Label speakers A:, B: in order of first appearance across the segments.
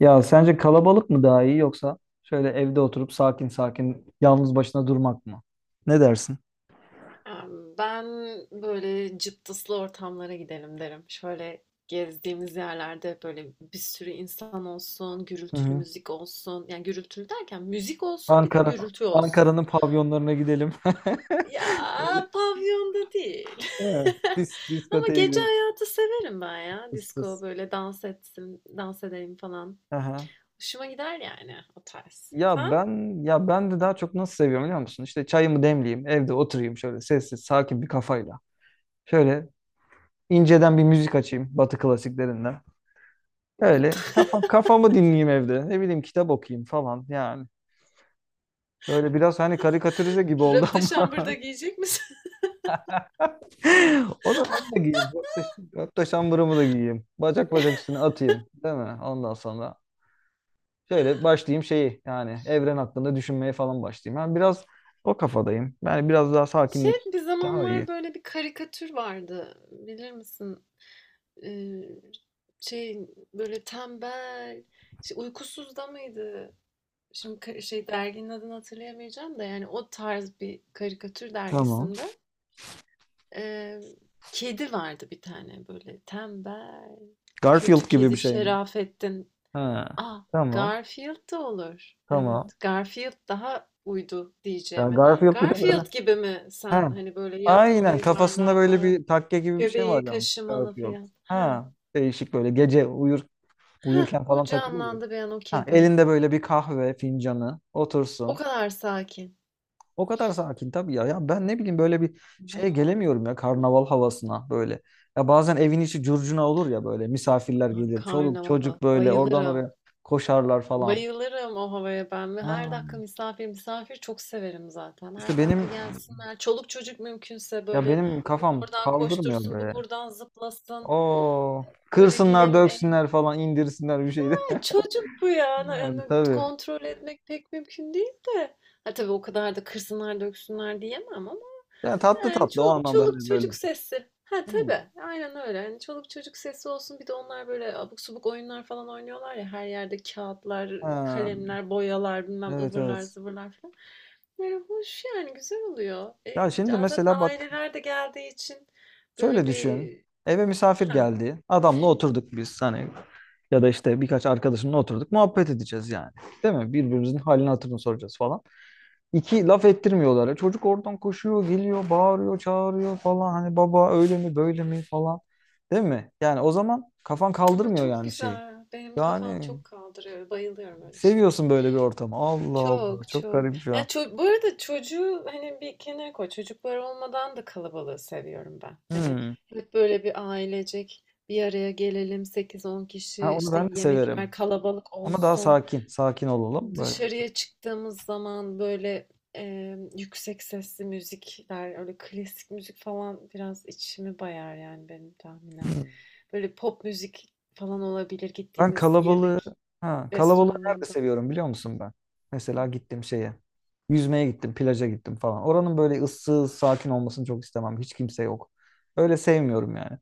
A: Ya sence kalabalık mı daha iyi yoksa şöyle evde oturup sakin sakin yalnız başına durmak mı? Ne dersin?
B: Ben böyle cıptıslı ortamlara gidelim derim. Şöyle gezdiğimiz yerlerde böyle bir sürü insan olsun,
A: Hı
B: gürültülü
A: hı.
B: müzik olsun. Yani gürültülü derken müzik olsun bir de
A: Ankara,
B: gürültü olsun.
A: Ankara'nın pavyonlarına gidelim. Böyle
B: Ya, pavyonda değil.
A: he,
B: Ama
A: diskoteye
B: gece
A: gidelim.
B: hayatı severim ben ya.
A: Tıs tıs.
B: Disko böyle dans etsin, dans edelim falan.
A: Aha.
B: Hoşuma gider yani o tarz.
A: Ya
B: Sen?
A: ben ya ben de daha çok nasıl seviyorum biliyor musun? İşte çayımı demleyeyim, evde oturayım şöyle sessiz, sakin bir kafayla. Şöyle inceden bir müzik açayım Batı klasiklerinden. Öyle kafamı dinleyeyim evde. Ne bileyim kitap okuyayım falan. Yani böyle biraz hani karikatürize gibi oldu
B: Röpte
A: ama
B: şambırda giyecek misin?
A: o da onu da giyeyim. Hatta şambırımı da giyeyim. Bacak bacak üstüne atayım. Değil mi? Ondan sonra şöyle başlayayım şeyi, yani evren hakkında düşünmeye falan başlayayım. Ben biraz o kafadayım. Yani biraz daha
B: Şey,
A: sakinlik
B: bir
A: daha iyi.
B: zamanlar böyle bir karikatür vardı. Bilir misin? Eee, şey, böyle tembel, işte, Uykusuz da mıydı? Şimdi şey derginin adını hatırlayamayacağım da yani o tarz bir karikatür
A: Tamam.
B: dergisinde, eee, kedi vardı bir tane böyle tembel,
A: Garfield
B: kötü
A: gibi
B: kedi
A: bir şey mi?
B: Şerafettin.
A: Ha.
B: Ah
A: Tamam.
B: Garfield da olur. Evet,
A: Tamam.
B: Garfield daha uydu
A: Ya
B: diyeceğime.
A: Garfield bir de böyle.
B: Garfield gibi mi sen?
A: Ha.
B: Hani böyle yatmalı,
A: Aynen kafasında böyle
B: yuvarlanmalı,
A: bir takke gibi bir şey var
B: göbeği
A: yani.
B: kaşımalı
A: Garfield.
B: falan? Ha.
A: Ha. Değişik böyle gece uyur
B: Heh,
A: uyurken
B: o
A: falan takılıyor. Ya.
B: canlandı bir an o
A: Ha,
B: kedi.
A: elinde böyle bir kahve fincanı
B: O
A: otursun.
B: kadar sakin.
A: O kadar sakin tabii ya. Ya ben ne bileyim böyle bir
B: Na
A: şeye gelemiyorum ya, karnaval havasına böyle. Ya bazen evin içi curcuna olur ya, böyle misafirler
B: A,
A: gelir. Çoluk
B: karnavala
A: çocuk böyle oradan
B: bayılırım.
A: oraya koşarlar falan.
B: Bayılırım o havaya ben ve her dakika
A: Ha,
B: misafir misafir çok severim zaten.
A: işte
B: Her dakika
A: benim
B: gelsinler. Çoluk çocuk mümkünse böyle
A: benim
B: o
A: kafam
B: oradan
A: kaldırmıyor
B: koştursun, bu
A: be.
B: buradan zıplasın.
A: Oo,
B: Böyle
A: kırsınlar,
B: gülelim, eğlenelim.
A: döksünler falan, indirsinler bir şeyde.
B: Çocuk bu ya.
A: Yani,
B: Yani
A: tabii.
B: kontrol etmek pek mümkün değil de. Ha, tabii o kadar da kırsınlar döksünler diyemem ama
A: Yani tatlı
B: yani
A: tatlı o anlamda
B: çoluk
A: hani böyle.
B: çocuk sesi. Ha
A: Hmm.
B: tabii. Aynen öyle. Yani çoluk çocuk sesi olsun. Bir de onlar böyle abuk subuk oyunlar falan oynuyorlar ya. Her yerde kağıtlar,
A: Ha,
B: kalemler, boyalar, bilmem
A: evet,
B: ıvırlar
A: evet.
B: zıvırlar falan. Böyle hoş yani güzel oluyor.
A: Ya
B: E,
A: şimdi
B: zaten
A: mesela bak
B: aileler de geldiği için böyle
A: şöyle düşün.
B: bir
A: Eve misafir
B: ha.
A: geldi. Adamla oturduk biz, hani ya da işte birkaç arkadaşımla oturduk. Muhabbet edeceğiz yani. Değil mi? Birbirimizin halini hatırını soracağız falan. İki laf ettirmiyorlar. E, çocuk oradan koşuyor, geliyor, bağırıyor, çağırıyor falan. Hani baba öyle mi böyle mi falan. Değil mi? Yani o zaman kafan
B: Ama
A: kaldırmıyor
B: çok
A: yani şeyi.
B: güzel. Benim kafam
A: Yani
B: çok kaldırıyor. Bayılıyorum öyle şeylere.
A: seviyorsun böyle bir ortamı. Allah Allah,
B: Çok
A: çok
B: çok.
A: garip
B: Yani
A: ya.
B: bu arada çocuğu hani bir kenara koy. Çocuklar olmadan da kalabalığı seviyorum ben. Hani
A: Hmm.
B: hep böyle bir ailecek bir araya gelelim sekiz on
A: Ha,
B: kişi
A: onu
B: işte
A: ben de severim.
B: yemekler kalabalık
A: Ama daha
B: olsun.
A: sakin, sakin olalım böyle.
B: Dışarıya çıktığımız zaman böyle, yüksek sesli müzikler, öyle klasik müzik falan biraz içimi bayar yani benim tahminen. Böyle pop müzik falan olabilir
A: Ben
B: gittiğimiz
A: kalabalığı
B: yemek
A: ha, kalabalığı nerede
B: restoranında.
A: seviyorum biliyor musun ben?
B: Hı.
A: Mesela gittim şeye. Yüzmeye gittim, plaja gittim falan. Oranın böyle ıssız, sakin olmasını çok istemem. Hiç kimse yok. Öyle sevmiyorum yani.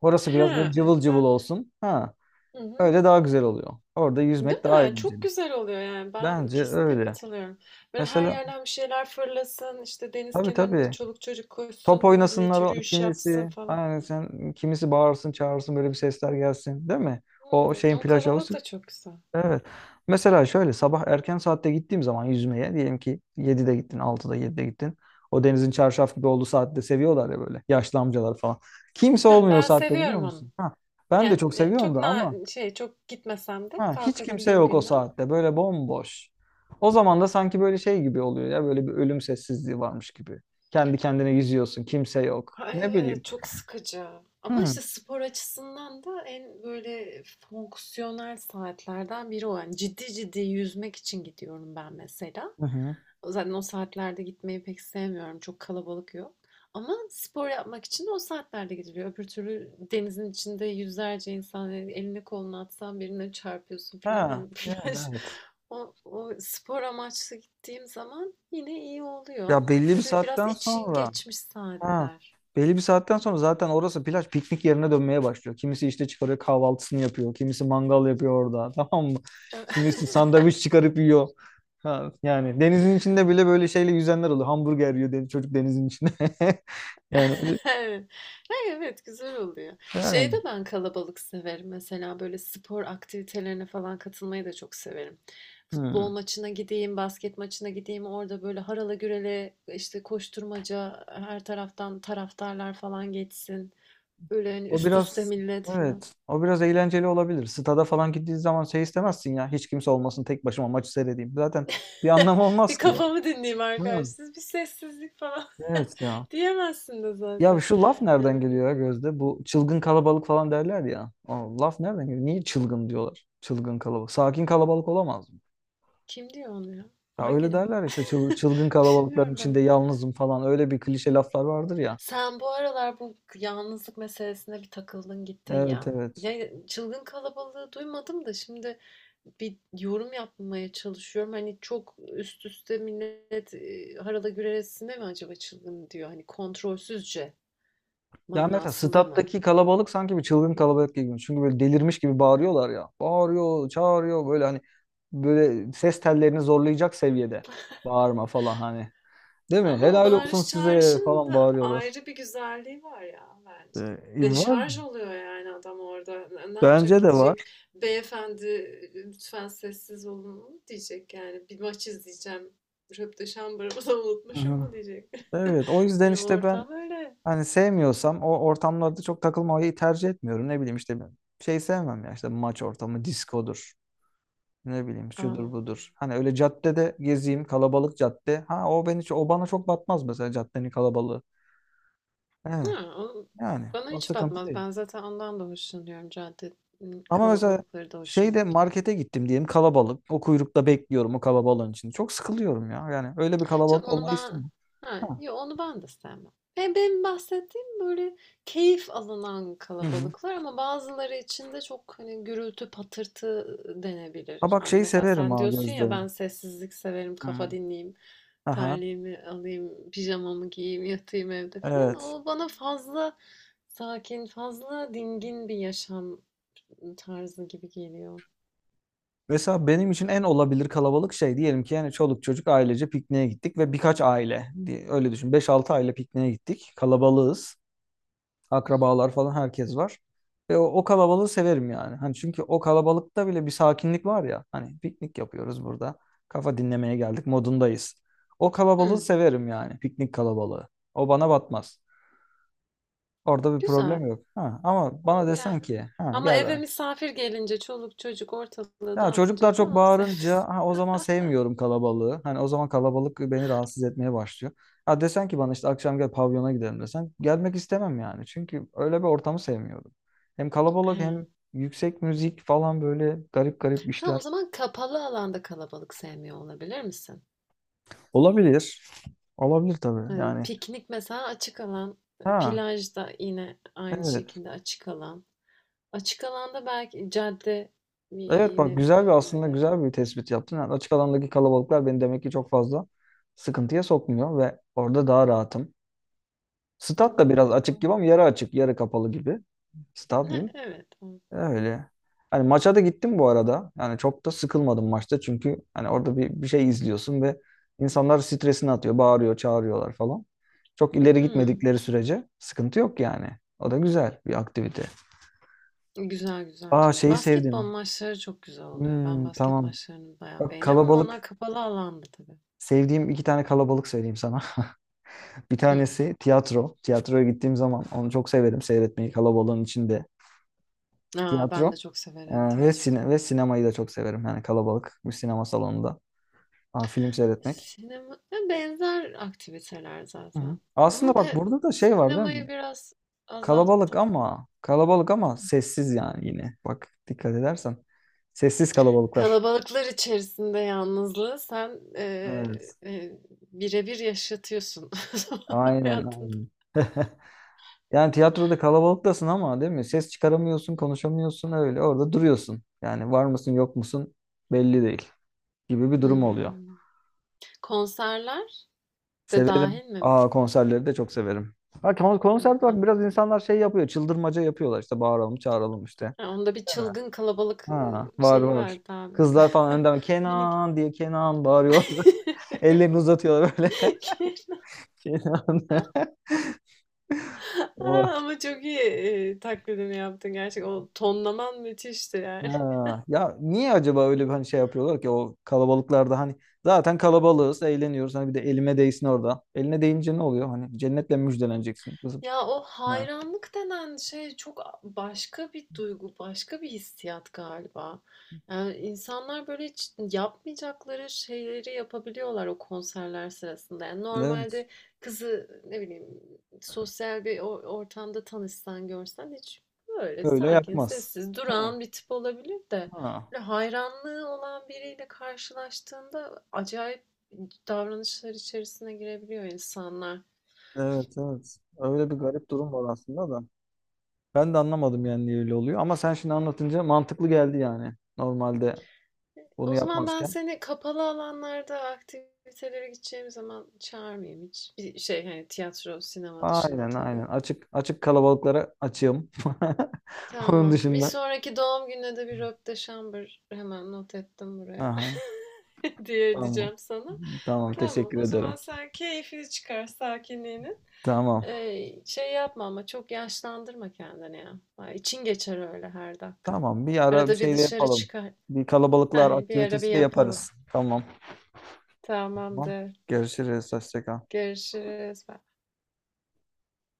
A: Orası
B: He,
A: biraz böyle cıvıl cıvıl
B: ben.
A: olsun. Ha,
B: Hı hı.
A: öyle daha güzel oluyor. Orada
B: Değil
A: yüzmek daha
B: mi? Çok
A: eğlenceli.
B: güzel oluyor yani. Ben
A: Bence
B: kesinlikle
A: öyle.
B: katılıyorum. Böyle her
A: Mesela
B: yerden bir şeyler fırlasın, işte deniz
A: tabii,
B: kenarında
A: tabii.
B: çoluk çocuk koşsun,
A: Top
B: millet
A: oynasınlar o
B: yürüyüş yapsın
A: kimisi.
B: falan.
A: Aynen sen kimisi bağırsın, çağırsın böyle bir sesler gelsin, değil mi? O
B: Hımm,
A: şeyin
B: o
A: plaj
B: kalabalık
A: havuzu.
B: da çok güzel.
A: Evet. Mesela şöyle sabah erken saatte gittiğim zaman yüzmeye, diyelim ki 7'de gittin, 6'da, 7'de gittin. O denizin çarşaf gibi olduğu saatte seviyorlar ya böyle yaşlı amcalar falan. Kimse
B: Heh,
A: olmuyor o
B: ben
A: saatte biliyor
B: seviyorum onu.
A: musun? Ha, ben de
B: Yani,
A: çok seviyorum
B: çok
A: da ama
B: şey, çok gitmesem de
A: ha, hiç kimse
B: kalkabildiğim
A: yok o
B: günler.
A: saatte böyle bomboş. O zaman da sanki böyle şey gibi oluyor ya, böyle bir ölüm sessizliği varmış gibi. Kendi kendine yüzüyorsun, kimse yok.
B: Ha,
A: Ne
B: evet,
A: bileyim.
B: çok sıkıcı
A: Hı
B: ama
A: hı.
B: işte spor açısından da en böyle fonksiyonel saatlerden biri o. Yani ciddi ciddi yüzmek için gidiyorum ben mesela.
A: hı.
B: Zaten o saatlerde gitmeyi pek sevmiyorum. Çok kalabalık yok. Ama spor yapmak için de o saatlerde gidiliyor. Öbür türlü denizin içinde yüzlerce insan yani elini kolunu atsan birine çarpıyorsun falan.
A: Ha,
B: Hani
A: yani
B: plaj
A: evet.
B: o, o spor amaçlı gittiğim zaman yine iyi oluyor
A: Ya
B: ama
A: belli bir
B: tabii biraz
A: saatten
B: için
A: sonra
B: geçmiş
A: ha.
B: saatler.
A: Belli bir saatten sonra zaten orası plaj piknik yerine dönmeye başlıyor. Kimisi işte çıkarıyor kahvaltısını yapıyor. Kimisi mangal yapıyor orada. Tamam mı? Kimisi sandviç çıkarıp yiyor. Ha, yani denizin içinde bile böyle şeyle yüzenler oluyor. Hamburger yiyor deniz, çocuk denizin içinde. Yani, öyle-
B: Evet. Ay, evet, güzel oluyor. Şeyi de
A: yani.
B: ben kalabalık severim. Mesela böyle spor aktivitelerine falan katılmayı da çok severim.
A: Hmm.
B: Futbol maçına gideyim, basket maçına gideyim. Orada böyle harala gürele işte koşturmaca her taraftan taraftarlar falan geçsin. Böyle hani
A: O
B: üst üste
A: biraz
B: millet falan.
A: evet. O biraz eğlenceli olabilir. Stada falan gittiği zaman şey istemezsin ya. Hiç kimse olmasın, tek başıma maçı seyredeyim. Zaten bir anlamı olmaz
B: Bir
A: ki ya.
B: kafamı dinleyeyim
A: Ha,
B: arkadaşlar. Bir sessizlik falan.
A: evet ya.
B: Diyemezsin de
A: Ya
B: zaten.
A: şu laf nereden
B: Yani
A: geliyor ya Gözde? Bu çılgın kalabalık falan derler ya. O laf nereden geliyor? Niye çılgın diyorlar? Çılgın kalabalık. Sakin kalabalık olamaz mı?
B: kim diyor onu ya?
A: Ya
B: Hangi
A: öyle
B: laf?
A: derler işte çılgın kalabalıkların
B: Bilmiyorum
A: içinde
B: ben.
A: yalnızım falan. Öyle bir klişe laflar vardır ya.
B: Sen bu aralar bu yalnızlık meselesine bir takıldın gittin
A: Evet,
B: ya.
A: evet.
B: Ne çılgın kalabalığı duymadım da şimdi bir yorum yapmaya çalışıyorum. Hani çok üst üste millet e, harala güreresine mi acaba çılgın diyor? Hani kontrolsüzce
A: Ya mesela
B: manasında mı?
A: stattaki kalabalık sanki bir çılgın kalabalık gibi. Çünkü böyle delirmiş gibi bağırıyorlar ya. Bağırıyor, çağırıyor böyle hani böyle ses tellerini zorlayacak seviyede. Bağırma falan hani. Değil mi?
B: Ama o
A: Helal olsun
B: bağırış
A: size
B: çağrışın
A: falan
B: da
A: bağırıyorlar.
B: ayrı bir güzelliği var ya bence.
A: Ee, var.
B: Deşarj oluyor yani adam orada. Ne yapacak,
A: Bence de var.
B: gidecek beyefendi lütfen sessiz olun mu diyecek yani. Bir maç izleyeceğim. Röpteşambırımı da unutmuşum
A: Aha.
B: mu diyecek.
A: Evet, o yüzden
B: Yani
A: işte ben
B: ortam öyle.
A: hani sevmiyorsam o ortamlarda çok takılmayı tercih etmiyorum. Ne bileyim işte ben şey sevmem ya, işte maç ortamı, diskodur. Ne bileyim şudur
B: Aa,
A: budur. Hani öyle caddede gezeyim, kalabalık cadde. Ha o bana çok batmaz mesela caddenin kalabalığı. Evet,
B: ha,
A: yani
B: bana
A: o
B: hiç
A: sıkıntı
B: batmaz.
A: değil.
B: Ben zaten ondan da hoşlanıyorum. Cadde
A: Ama mesela
B: kalabalıkları da hoşuma
A: şeyde
B: gidiyor.
A: markete gittim diyelim, kalabalık. O kuyrukta bekliyorum o kalabalığın içinde, çok sıkılıyorum ya. Yani öyle bir
B: Canım
A: kalabalık
B: onu
A: olmayı
B: ben
A: istemem.
B: ha,
A: Ha.
B: yo, onu ben de sevmem. Ben benim bahsettiğim böyle keyif alınan
A: Hı hı.
B: kalabalıklar ama bazıları için de çok hani gürültü patırtı
A: Ha
B: denebilir.
A: bak
B: Yani
A: şeyi
B: mesela
A: severim
B: sen
A: ha
B: diyorsun
A: Gözde.
B: ya ben sessizlik severim,
A: Hı.
B: kafa dinleyeyim,
A: Aha,
B: terliğimi alayım, pijamamı giyeyim, yatayım evde falan.
A: evet.
B: O bana fazla sakin, fazla dingin bir yaşam tarzı gibi geliyor.
A: Mesela benim için en olabilir kalabalık şey, diyelim ki yani çoluk çocuk ailece pikniğe gittik ve birkaç aile diye öyle düşün, beş altı aile pikniğe gittik. Kalabalığız. Akrabalar falan herkes var. Ve o kalabalığı severim yani. Hani çünkü o kalabalıkta bile bir sakinlik var ya. Hani piknik yapıyoruz burada. Kafa dinlemeye geldik modundayız. O kalabalığı
B: Hmm,
A: severim yani, piknik kalabalığı. O bana batmaz. Orada bir
B: güzel.
A: problem yok. Ha, ama bana
B: O,
A: desen
B: yani.
A: ki ha,
B: Ama
A: gel
B: eve misafir gelince çoluk çocuk ortalığı
A: ya
B: dağıtınca
A: çocuklar
B: falan
A: çok
B: onu
A: bağırınca
B: sevmiyorsun.
A: ha, o zaman sevmiyorum kalabalığı. Hani o zaman kalabalık beni rahatsız etmeye başlıyor. Ha desen ki bana işte akşam gel pavyona gidelim, desen gelmek istemem yani. Çünkü öyle bir ortamı sevmiyorum. Hem kalabalık
B: He.
A: hem yüksek müzik falan böyle garip garip
B: Sen o
A: işler.
B: zaman kapalı alanda kalabalık sevmiyor olabilir misin?
A: Olabilir. Olabilir tabii
B: Yani
A: yani.
B: piknik mesela açık alan,
A: Ha
B: plajda yine aynı
A: evet.
B: şekilde açık alan. Açık alanda belki cadde
A: Evet bak
B: yine
A: güzel bir aslında
B: öyle.
A: güzel bir tespit yaptın. Yani açık alandaki kalabalıklar beni demek ki çok fazla sıkıntıya sokmuyor ve orada daha rahatım. Stat da
B: Hı,
A: biraz açık
B: kapalı.
A: gibi ama yarı açık, yarı kapalı gibi.
B: Ne-
A: Stadyum
B: Evet. Evet.
A: öyle. Hani maça da gittim bu arada. Yani çok da sıkılmadım maçta çünkü hani orada bir şey izliyorsun ve insanlar stresini atıyor, bağırıyor, çağırıyorlar falan. Çok ileri
B: Hı.
A: gitmedikleri sürece sıkıntı yok yani. O da güzel bir aktivite.
B: Güzel güzel
A: Aa
B: canım.
A: şeyi
B: Basketbol
A: sevdim.
B: maçları çok güzel oluyor. Ben
A: Hmm,
B: basket
A: tamam.
B: maçlarını bayağı
A: Bak
B: beğeniyorum ama onlar
A: kalabalık.
B: kapalı alanda tabii.
A: Sevdiğim iki tane kalabalık söyleyeyim sana. Bir
B: Hı.
A: tanesi tiyatro. Tiyatroya gittiğim zaman onu çok severim seyretmeyi kalabalığın içinde.
B: A! Ben
A: Tiyatro
B: de çok
A: e,
B: severim tiyatroyu.
A: ve sinemayı da çok severim. Yani kalabalık bir sinema salonunda aa, film seyretmek.
B: Sinema ya, benzer aktiviteler
A: Hı hı.
B: zaten
A: Aslında
B: ama
A: bak
B: ben
A: burada da şey var değil mi?
B: sinemayı biraz azalttım.
A: Kalabalık ama sessiz yani yine. Bak dikkat edersen sessiz kalabalıklar.
B: Kalabalıklar içerisinde yalnızlığı sen,
A: Evet.
B: bire yaşatıyorsun
A: Aynen,
B: hayatında.
A: aynen. Yani tiyatroda kalabalıktasın ama değil mi? Ses çıkaramıyorsun, konuşamıyorsun öyle. Orada duruyorsun. Yani var mısın, yok musun belli değil gibi bir durum oluyor.
B: Hımm. Konserler de
A: Severim.
B: dahil mi?
A: Aa, konserleri de çok severim. Ha
B: Tabii
A: konserde bak
B: ben.
A: biraz insanlar şey yapıyor. Çıldırmaca yapıyorlar, işte bağıralım çağıralım işte.
B: Ha, onda bir
A: Değil mi?
B: çılgın kalabalık,
A: Ha var,
B: şeyi
A: var.
B: vardı abimin.
A: Kızlar falan önden
B: Minik.
A: Kenan diye Kenan bağırıyorlar. Ellerini uzatıyorlar böyle. Kenan. O.
B: Ama çok iyi, taklidini yaptın gerçekten. O tonlaman müthişti yani.
A: Ha. Ya niye acaba öyle bir hani şey yapıyorlar ki o kalabalıklarda, hani zaten kalabalığız eğleniyoruz hani bir de elime değsin orada. Eline değince ne oluyor? Hani cennetle müjdeleneceksin kızım.
B: Ya, o
A: Ha.
B: hayranlık denen şey çok a başka bir duygu, başka bir hissiyat galiba. Yani, insanlar böyle hiç yapmayacakları şeyleri yapabiliyorlar o konserler sırasında. Yani,
A: Evet.
B: normalde kızı, ne bileyim, sosyal bir ortamda tanışsan, görsen hiç böyle
A: Öyle
B: sakin,
A: yapmaz.
B: sessiz,
A: Ha.
B: durağan bir tip olabilir de
A: Ha.
B: böyle hayranlığı olan biriyle karşılaştığında acayip davranışlar içerisine girebiliyor insanlar.
A: Evet, evet. Öyle bir garip durum var aslında da. Ben de anlamadım yani niye öyle oluyor. Ama sen şimdi anlatınca mantıklı geldi yani. Normalde
B: O
A: bunu
B: zaman ben
A: yapmazken.
B: seni kapalı alanlarda aktivitelere gideceğim zaman çağırmayayım hiç. Bir şey hani tiyatro, sinema dışında
A: Aynen,
B: tabii.
A: aynen. Açık, açık kalabalıklara açığım. Onun
B: Tamam. Bir
A: dışında.
B: sonraki doğum gününe de bir röp de şambır hemen not ettim buraya.
A: Aha,
B: diye
A: tamam.
B: diyeceğim sana.
A: Tamam,
B: Tamam.
A: teşekkür
B: O zaman
A: ederim.
B: sen keyfini çıkar sakinliğini.
A: Tamam.
B: Şey yapma ama çok yaşlandırma kendini ya. Ay, İçin geçer öyle her dakika.
A: Tamam, bir ara bir
B: Arada bir
A: şey de
B: dışarı
A: yapalım.
B: çıkar.
A: Bir
B: Ha,
A: kalabalıklar
B: bir ara bir
A: aktivitesi de
B: yapalım.
A: yaparız. Tamam. Tamam.
B: Tamamdır.
A: Görüşürüz. Hoşça kal.
B: Görüşürüz. Bye.